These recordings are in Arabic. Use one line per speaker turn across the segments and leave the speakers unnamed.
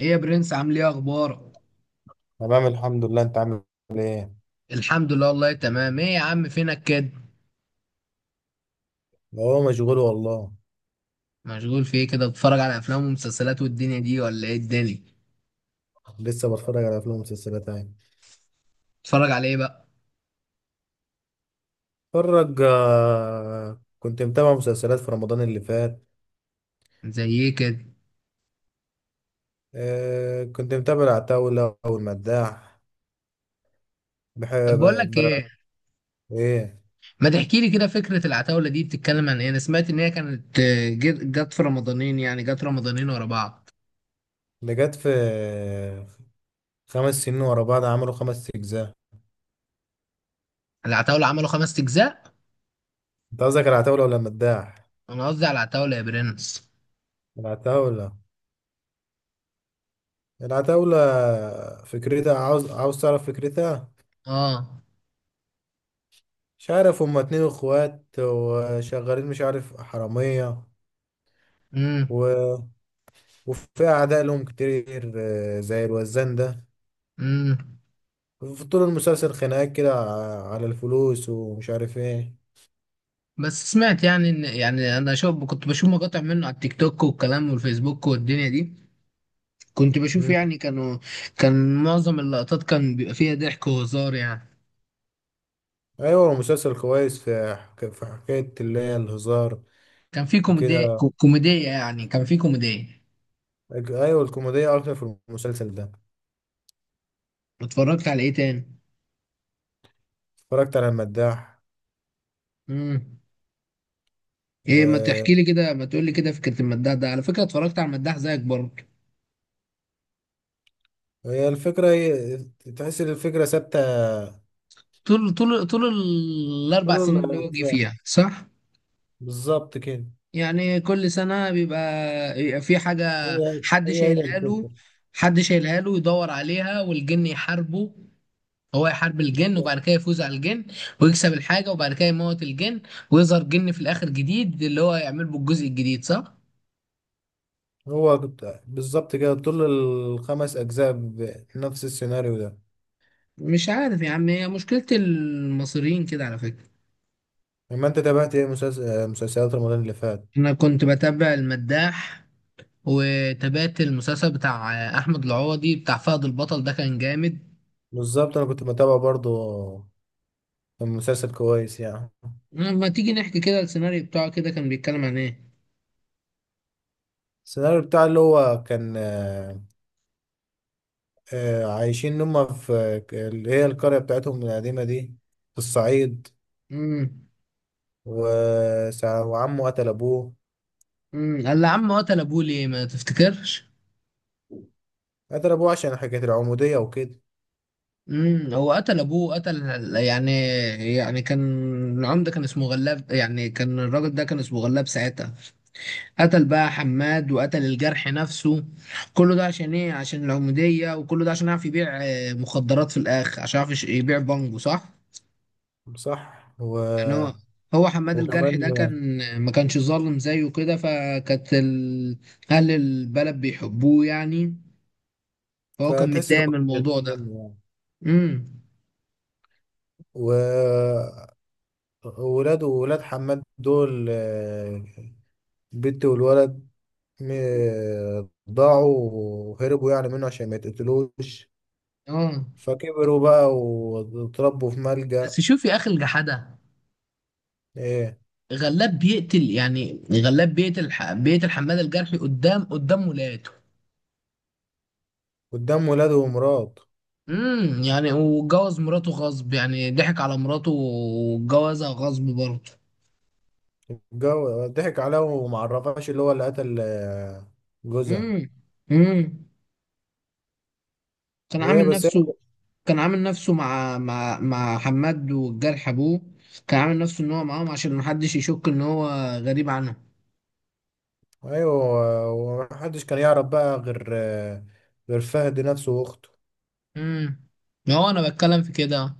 ايه يا برنس، عامل ايه؟ اخبارك؟
تمام، الحمد لله. انت عامل ايه؟
الحمد لله والله، تمام. ايه يا عم، فينك كده؟
هو مشغول والله.
مشغول في ايه كده؟ بتتفرج على افلام ومسلسلات والدنيا دي، ولا ايه الدنيا؟
لسه بتفرج على افلام ومسلسلات يعني.
بتتفرج على ايه بقى؟
بتفرج كنت متابع مسلسلات في رمضان اللي فات.
زي ايه كده؟
كنت متابع العتاولة والمداح.
طب
بحب.
بقول لك
ب...
ايه،
ايه؟
ما تحكي لي كده فكرة العتاولة دي بتتكلم عن ايه؟ انا سمعت ان هي كانت جت في رمضانين، يعني جت رمضانين ورا بعض.
ده جت في 5 سنين ورا بعض. عملوا 5 اجزاء.
العتاولة عملوا 5 اجزاء؟
انت قصدك العتاولة ولا المداح؟
انا قصدي على العتاولة يا برنس.
العتاولة. العتاولة. فكرتها. عاوز عاوز تعرف فكرتها؟
اه.
مش عارف. هما اتنين اخوات وشغالين، مش عارف، حرامية.
امم.
و... وفي أعداء لهم كتير، زي الوزان ده.
امم.
في طول المسلسل خناقات كده على الفلوس ومش عارف ايه.
بس سمعت يعني ان يعني انا كنت بشوف مقاطع منه على التيك توك والكلام والفيسبوك والدنيا دي. كنت بشوف
مم.
يعني كانوا، كان معظم اللقطات كان بيبقى فيها ضحك وهزار يعني.
أيوة، مسلسل كويس. في حكاية اللي هي الهزار
كان في كوميديا.
وكده.
كان في كوميديا.
أيوة، الكوميديا أكتر في المسلسل ده.
اتفرجت على ايه تاني؟
اتفرجت على المداح.
امم. ايه،
و-
ما تقول لي كده فكرة المداح ده. على فكرة اتفرجت على المداح زيك برضه.
وهي الفكرة. تحس إن الفكرة ثابتة
طول الاربع
طول
سنين اللي هو جه
الأجزاء.
فيها، صح؟
بالظبط كده.
يعني كل سنة بيبقى في حاجة،
هي
حد
هي هي
شايلها له.
الفكرة.
حد شايلها له يدور عليها، والجن يحاربه. هو يحارب الجن وبعد كده يفوز على الجن، ويكسب الحاجة وبعد كده يموت الجن، ويظهر جن في الآخر جديد اللي هو يعمل بالجزء الجديد، صح؟
هو بالظبط كده طول الخمس أجزاء بنفس السيناريو ده.
مش عارف يا عم، هي مشكلة المصريين كده على فكرة.
لما انت تابعت ايه، مسلسل، مسلسلات رمضان اللي فات؟
أنا كنت بتابع المداح، وتابعت المسلسل بتاع أحمد العوضي بتاع فهد البطل، ده كان جامد.
بالظبط، انا كنت بتابع برضو. مسلسل كويس يعني.
ما تيجي نحكي كده السيناريو بتاعه كده كان بيتكلم عن إيه؟
السيناريو بتاع اللي هو كان، عايشين هم في اللي هي القرية بتاعتهم القديمة دي في الصعيد.
امم.
وعمه قتل ابوه.
امم. قال لي يا عم، قتل أبوه ليه، ما تفتكرش؟
قتل ابوه عشان حكاية العمودية وكده.
امم. هو قتل ابوه قتل يعني؟ يعني كان العمده كان اسمه غلاب، يعني كان الراجل ده كان اسمه غلاب ساعتها. قتل بقى حماد، وقتل الجرح نفسه. كله ده عشان ايه؟ عشان العموديه، وكله ده عشان يعرف يبيع مخدرات في الاخر، عشان يعرف يبيع بانجو، صح؟
صح.
يعني هو، هو حماد الجرح
وكمان
ده كان ما كانش ظالم زيه كده، فكانت اهل البلد بيحبوه يعني. فهو كان
فتحس ان هو
متضايق من
كان بيغير
الموضوع ده.
منه يعني.
امم.
و- وولاده وولاد حماد دول، البنت والولد، ضاعوا وهربوا يعني منه عشان ما يتقتلوش.
اه.
فكبروا بقى واتربوا في ملجأ.
بس شوف يا اخي الجحده،
ايه.
غلاب بيقتل، يعني بيقتل حماد الجرحي قدام ولاده.
قدام ولاده ومراته.
امم. يعني واتجوز مراته غصب، يعني ضحك على مراته واتجوزها غصب برضه.
الجو ضحك عليه وما عرفهاش اللي هو اللي قتل جوزها.
امم. امم. كان
وايه
عامل
بس.
نفسه. كان عامل نفسه مع حماد والجرح ابوه. كان عامل نفسه ان هو معاهم عشان محدش يشك ان هو غريب عنهم.
ايوه، ومحدش كان يعرف بقى غير غير فهد نفسه واخته.
امم. هو انا بتكلم في كده،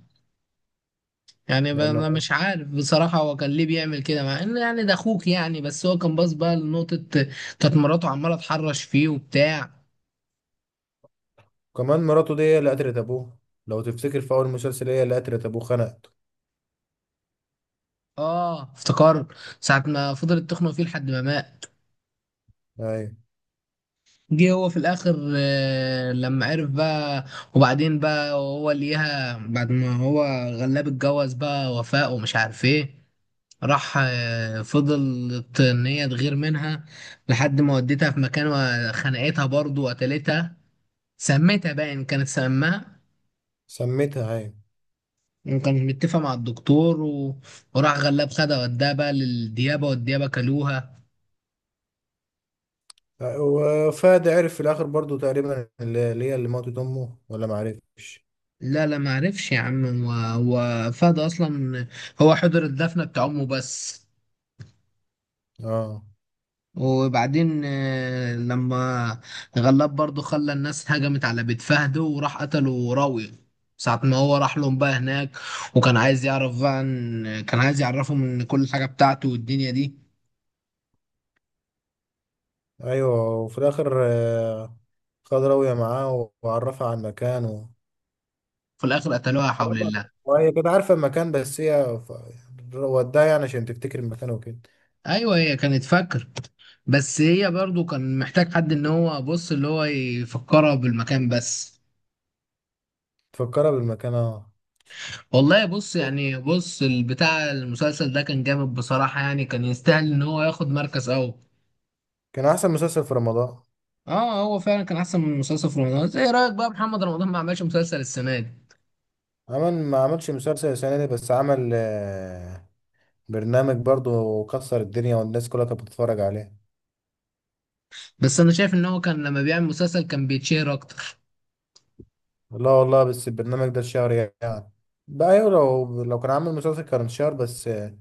يعني انا
لانه
مش عارف بصراحة هو كان ليه بيعمل كده، مع ان يعني ده اخوك، يعني بس هو كان باص بقى لنقطة: كانت مراته عمالة تحرش فيه وبتاع.
كمان مراته دي هي اللي قتلت ابوه. لو تفتكر في اول مسلسل، هي اللي قتلت ابوه، خنقته.
اه افتكرت. ساعة ما فضلت تخنق فيه لحد ما مات.
ايوه.
جه هو في الاخر لما عرف بقى. وبعدين بقى هو ليها، بعد ما هو غلاب اتجوز بقى وفاء ومش عارف ايه، راح فضلت ان هي تغير منها لحد ما وديتها في مكان وخنقتها برضه وقتلتها. سميتها باين كانت سماها.
سميتها، ايوه.
وكان متفق مع الدكتور، وراح غلاب خدها وداها بقى للديابة، والديابة كلوها.
وفهد عرف في الاخر برضو تقريبا اللي هي اللي ماتت امه، ولا ما عرفش.
لا لا، ما عرفش يا عم، هو فهد أصلا هو حضر الدفنة بتاع أمه بس.
اه.
وبعدين لما غلاب برضه خلى الناس هجمت على بيت فهد، وراح قتله راوية ساعة ما هو راح لهم بقى هناك، وكان عايز يعرف بقى، إن كان عايز يعرفهم إن كل حاجة بتاعته والدنيا دي.
ايوه، وفي الاخر خد راوية معاه وعرفها على المكان
في الآخر قتلوها، حول
عرفها.
الله.
وهي كانت عارفة المكان، بس هي يعني وداها يعني عشان تفتكر المكان وكده.
ايوه، هي كانت فاكر، بس هي برضو كان محتاج حد ان هو بص اللي هو يفكرها بالمكان بس.
تفكرها بالمكان، اه.
والله بص يعني البتاع المسلسل ده كان جامد بصراحة، يعني كان يستاهل ان هو ياخد مركز اول.
كان احسن مسلسل في رمضان.
اه، هو فعلا كان احسن من مسلسل في رمضان. ايه رأيك بقى محمد رمضان ما عملش مسلسل السنة دي؟
عمل، ما عملش مسلسل السنة دي بس عمل برنامج برضو، وكسر الدنيا والناس كلها كانت بتتفرج عليه.
بس انا شايف ان هو كان لما بيعمل مسلسل كان بيتشهر اكتر.
لا والله، بس البرنامج ده الشهر يعني. بقى أيوة، لو كان عامل مسلسل كان شهر، بس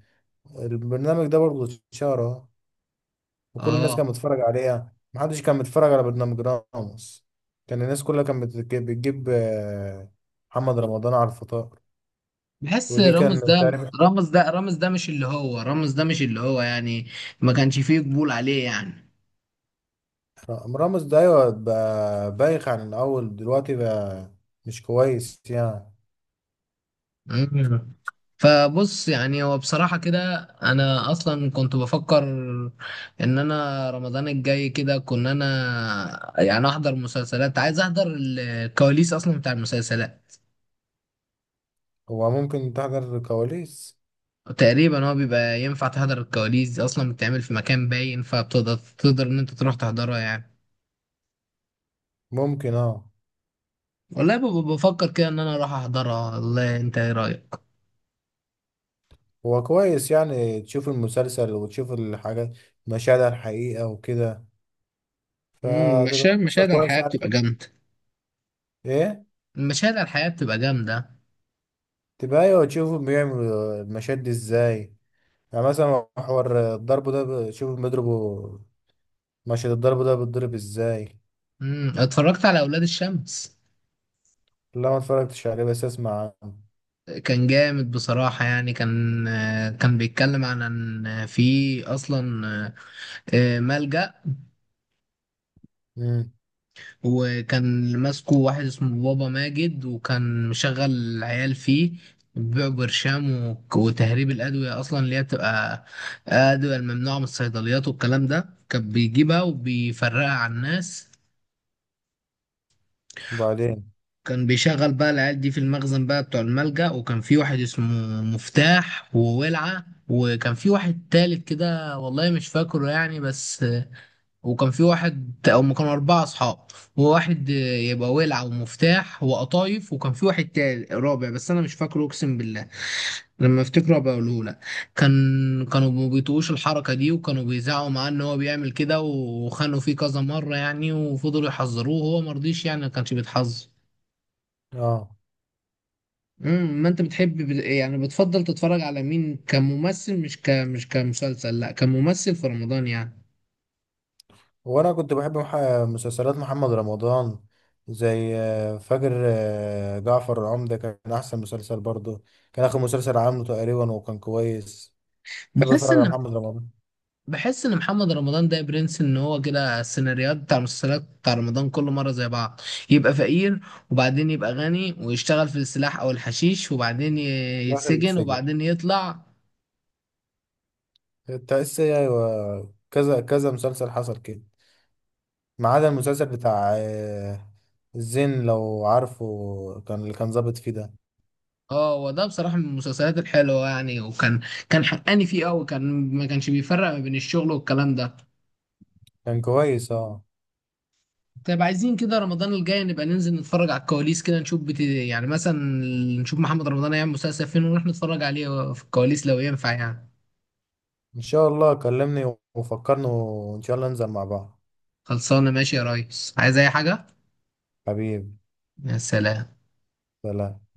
البرنامج ده برضه شهر اهو. وكل الناس
اه.
كانت بتتفرج عليه يعني. محدش كان بيتفرج على برنامج راموس. كان الناس كلها كانت بتجيب محمد رمضان على الفطار.
بحس
ودي كان تعرف.
رامز ده مش اللي هو، يعني ما كانش فيه قبول عليه يعني.
راموس ده أيوة، بقى بايخ عن الأول دلوقتي بقى. مش كويس يعني.
مم. فبص يعني، هو بصراحة كده، أنا أصلا كنت بفكر إن أنا رمضان الجاي كده، كنا أنا يعني أحضر مسلسلات، عايز أحضر الكواليس أصلا بتاع المسلسلات.
هو ممكن تحضر الكواليس.
تقريبا هو بيبقى ينفع تحضر الكواليس دي، أصلا بتتعمل في مكان باين، فبتقدر إن أنت تروح تحضرها يعني.
ممكن، اه.
والله ببقى بفكر كده إن أنا أروح أحضرها، والله أنت إيه رأيك؟
هو كويس يعني تشوف المسلسل وتشوف الحاجات، مشاهد على الحقيقة وكده. فتبقى
مشاهد
قصة
مشاهد على الحياة
كويسة يعني.
بتبقى جامدة.
ايه.
المشاهد على الحياة بتبقى جامدة.
تبقى ايوه، تشوفوا بيعملوا المشاهد دي ازاي. يعني مثلا محور الضرب ده شوف بيضربوا مشهد الضرب ده بيتضرب ازاي.
اتفرجت على أولاد الشمس.
لا، ما اتفرجتش عليه، بس اسمع عنه.
كان جامد بصراحة يعني، كان كان بيتكلم عن ان في اصلا ملجأ،
امم.
وكان ماسكه واحد اسمه بابا ماجد، وكان مشغل العيال فيه بيبيعوا برشام وتهريب الأدوية، أصلا اللي هي بتبقى أدوية الممنوعة من الصيدليات والكلام ده كان بيجيبها وبيفرقها على الناس.
وبعدين،
كان بيشغل بقى العيال دي في المخزن بقى بتوع الملجأ، وكان في واحد اسمه مفتاح، وولعة، وكان في واحد تالت كده والله مش فاكره يعني، بس. وكان في واحد ما كانوا 4 اصحاب: وواحد يبقى ولعة ومفتاح وقطايف، وكان في واحد تالت رابع بس انا مش فاكره اقسم بالله. لما افتكره هبقى اقوله لك. كانوا ما بيطيقوش الحركة دي، وكانوا بيزعقوا معاه ان هو بيعمل كده، وخانوا فيه كذا مرة يعني، وفضلوا يحذروه وهو مرضيش، يعني ما كانش بيتحذر.
اه.
امم. ما انت بتحب يعني بتفضل تتفرج على مين كممثل؟ مش كمسلسل، لا، كممثل في رمضان يعني.
هو انا كنت بحب مسلسلات محمد رمضان. زي فجر. جعفر العمدة كان احسن مسلسل برضه. كان اخر مسلسل عامله تقريبا وكان كويس. بحب اتفرج
بحس
على
ان،
محمد رمضان.
محمد رمضان ده يا برنس، ان هو كده السيناريوهات بتاع المسلسلات بتاع رمضان كل مره زي بعض: يبقى فقير، وبعدين يبقى غني ويشتغل في السلاح او الحشيش، وبعدين
في الاخر
يتسجن،
اتسجن.
وبعدين يطلع.
التأسي، ايوه، كذا كذا مسلسل حصل كده. ما عدا المسلسل بتاع الزين لو عارفه، كان اللي كان ظابط فيه ده.
اه، وده بصراحه من المسلسلات الحلوه يعني، كان حقاني فيه قوي، كان ما كانش بيفرق ما بين الشغل والكلام ده.
كان كويس، اه.
طيب، عايزين كده رمضان الجاي نبقى ننزل نتفرج على الكواليس كده، نشوف يعني مثلا نشوف محمد رمضان هيعمل مسلسل فين، ونروح نتفرج عليه في الكواليس لو ينفع يعني.
ان شاء الله كلمني وفكرني وان شاء الله ننزل مع بعض.
خلصانة، ماشي يا ريس، عايز أي حاجة؟
حبيبي.
يا سلام.
سلام.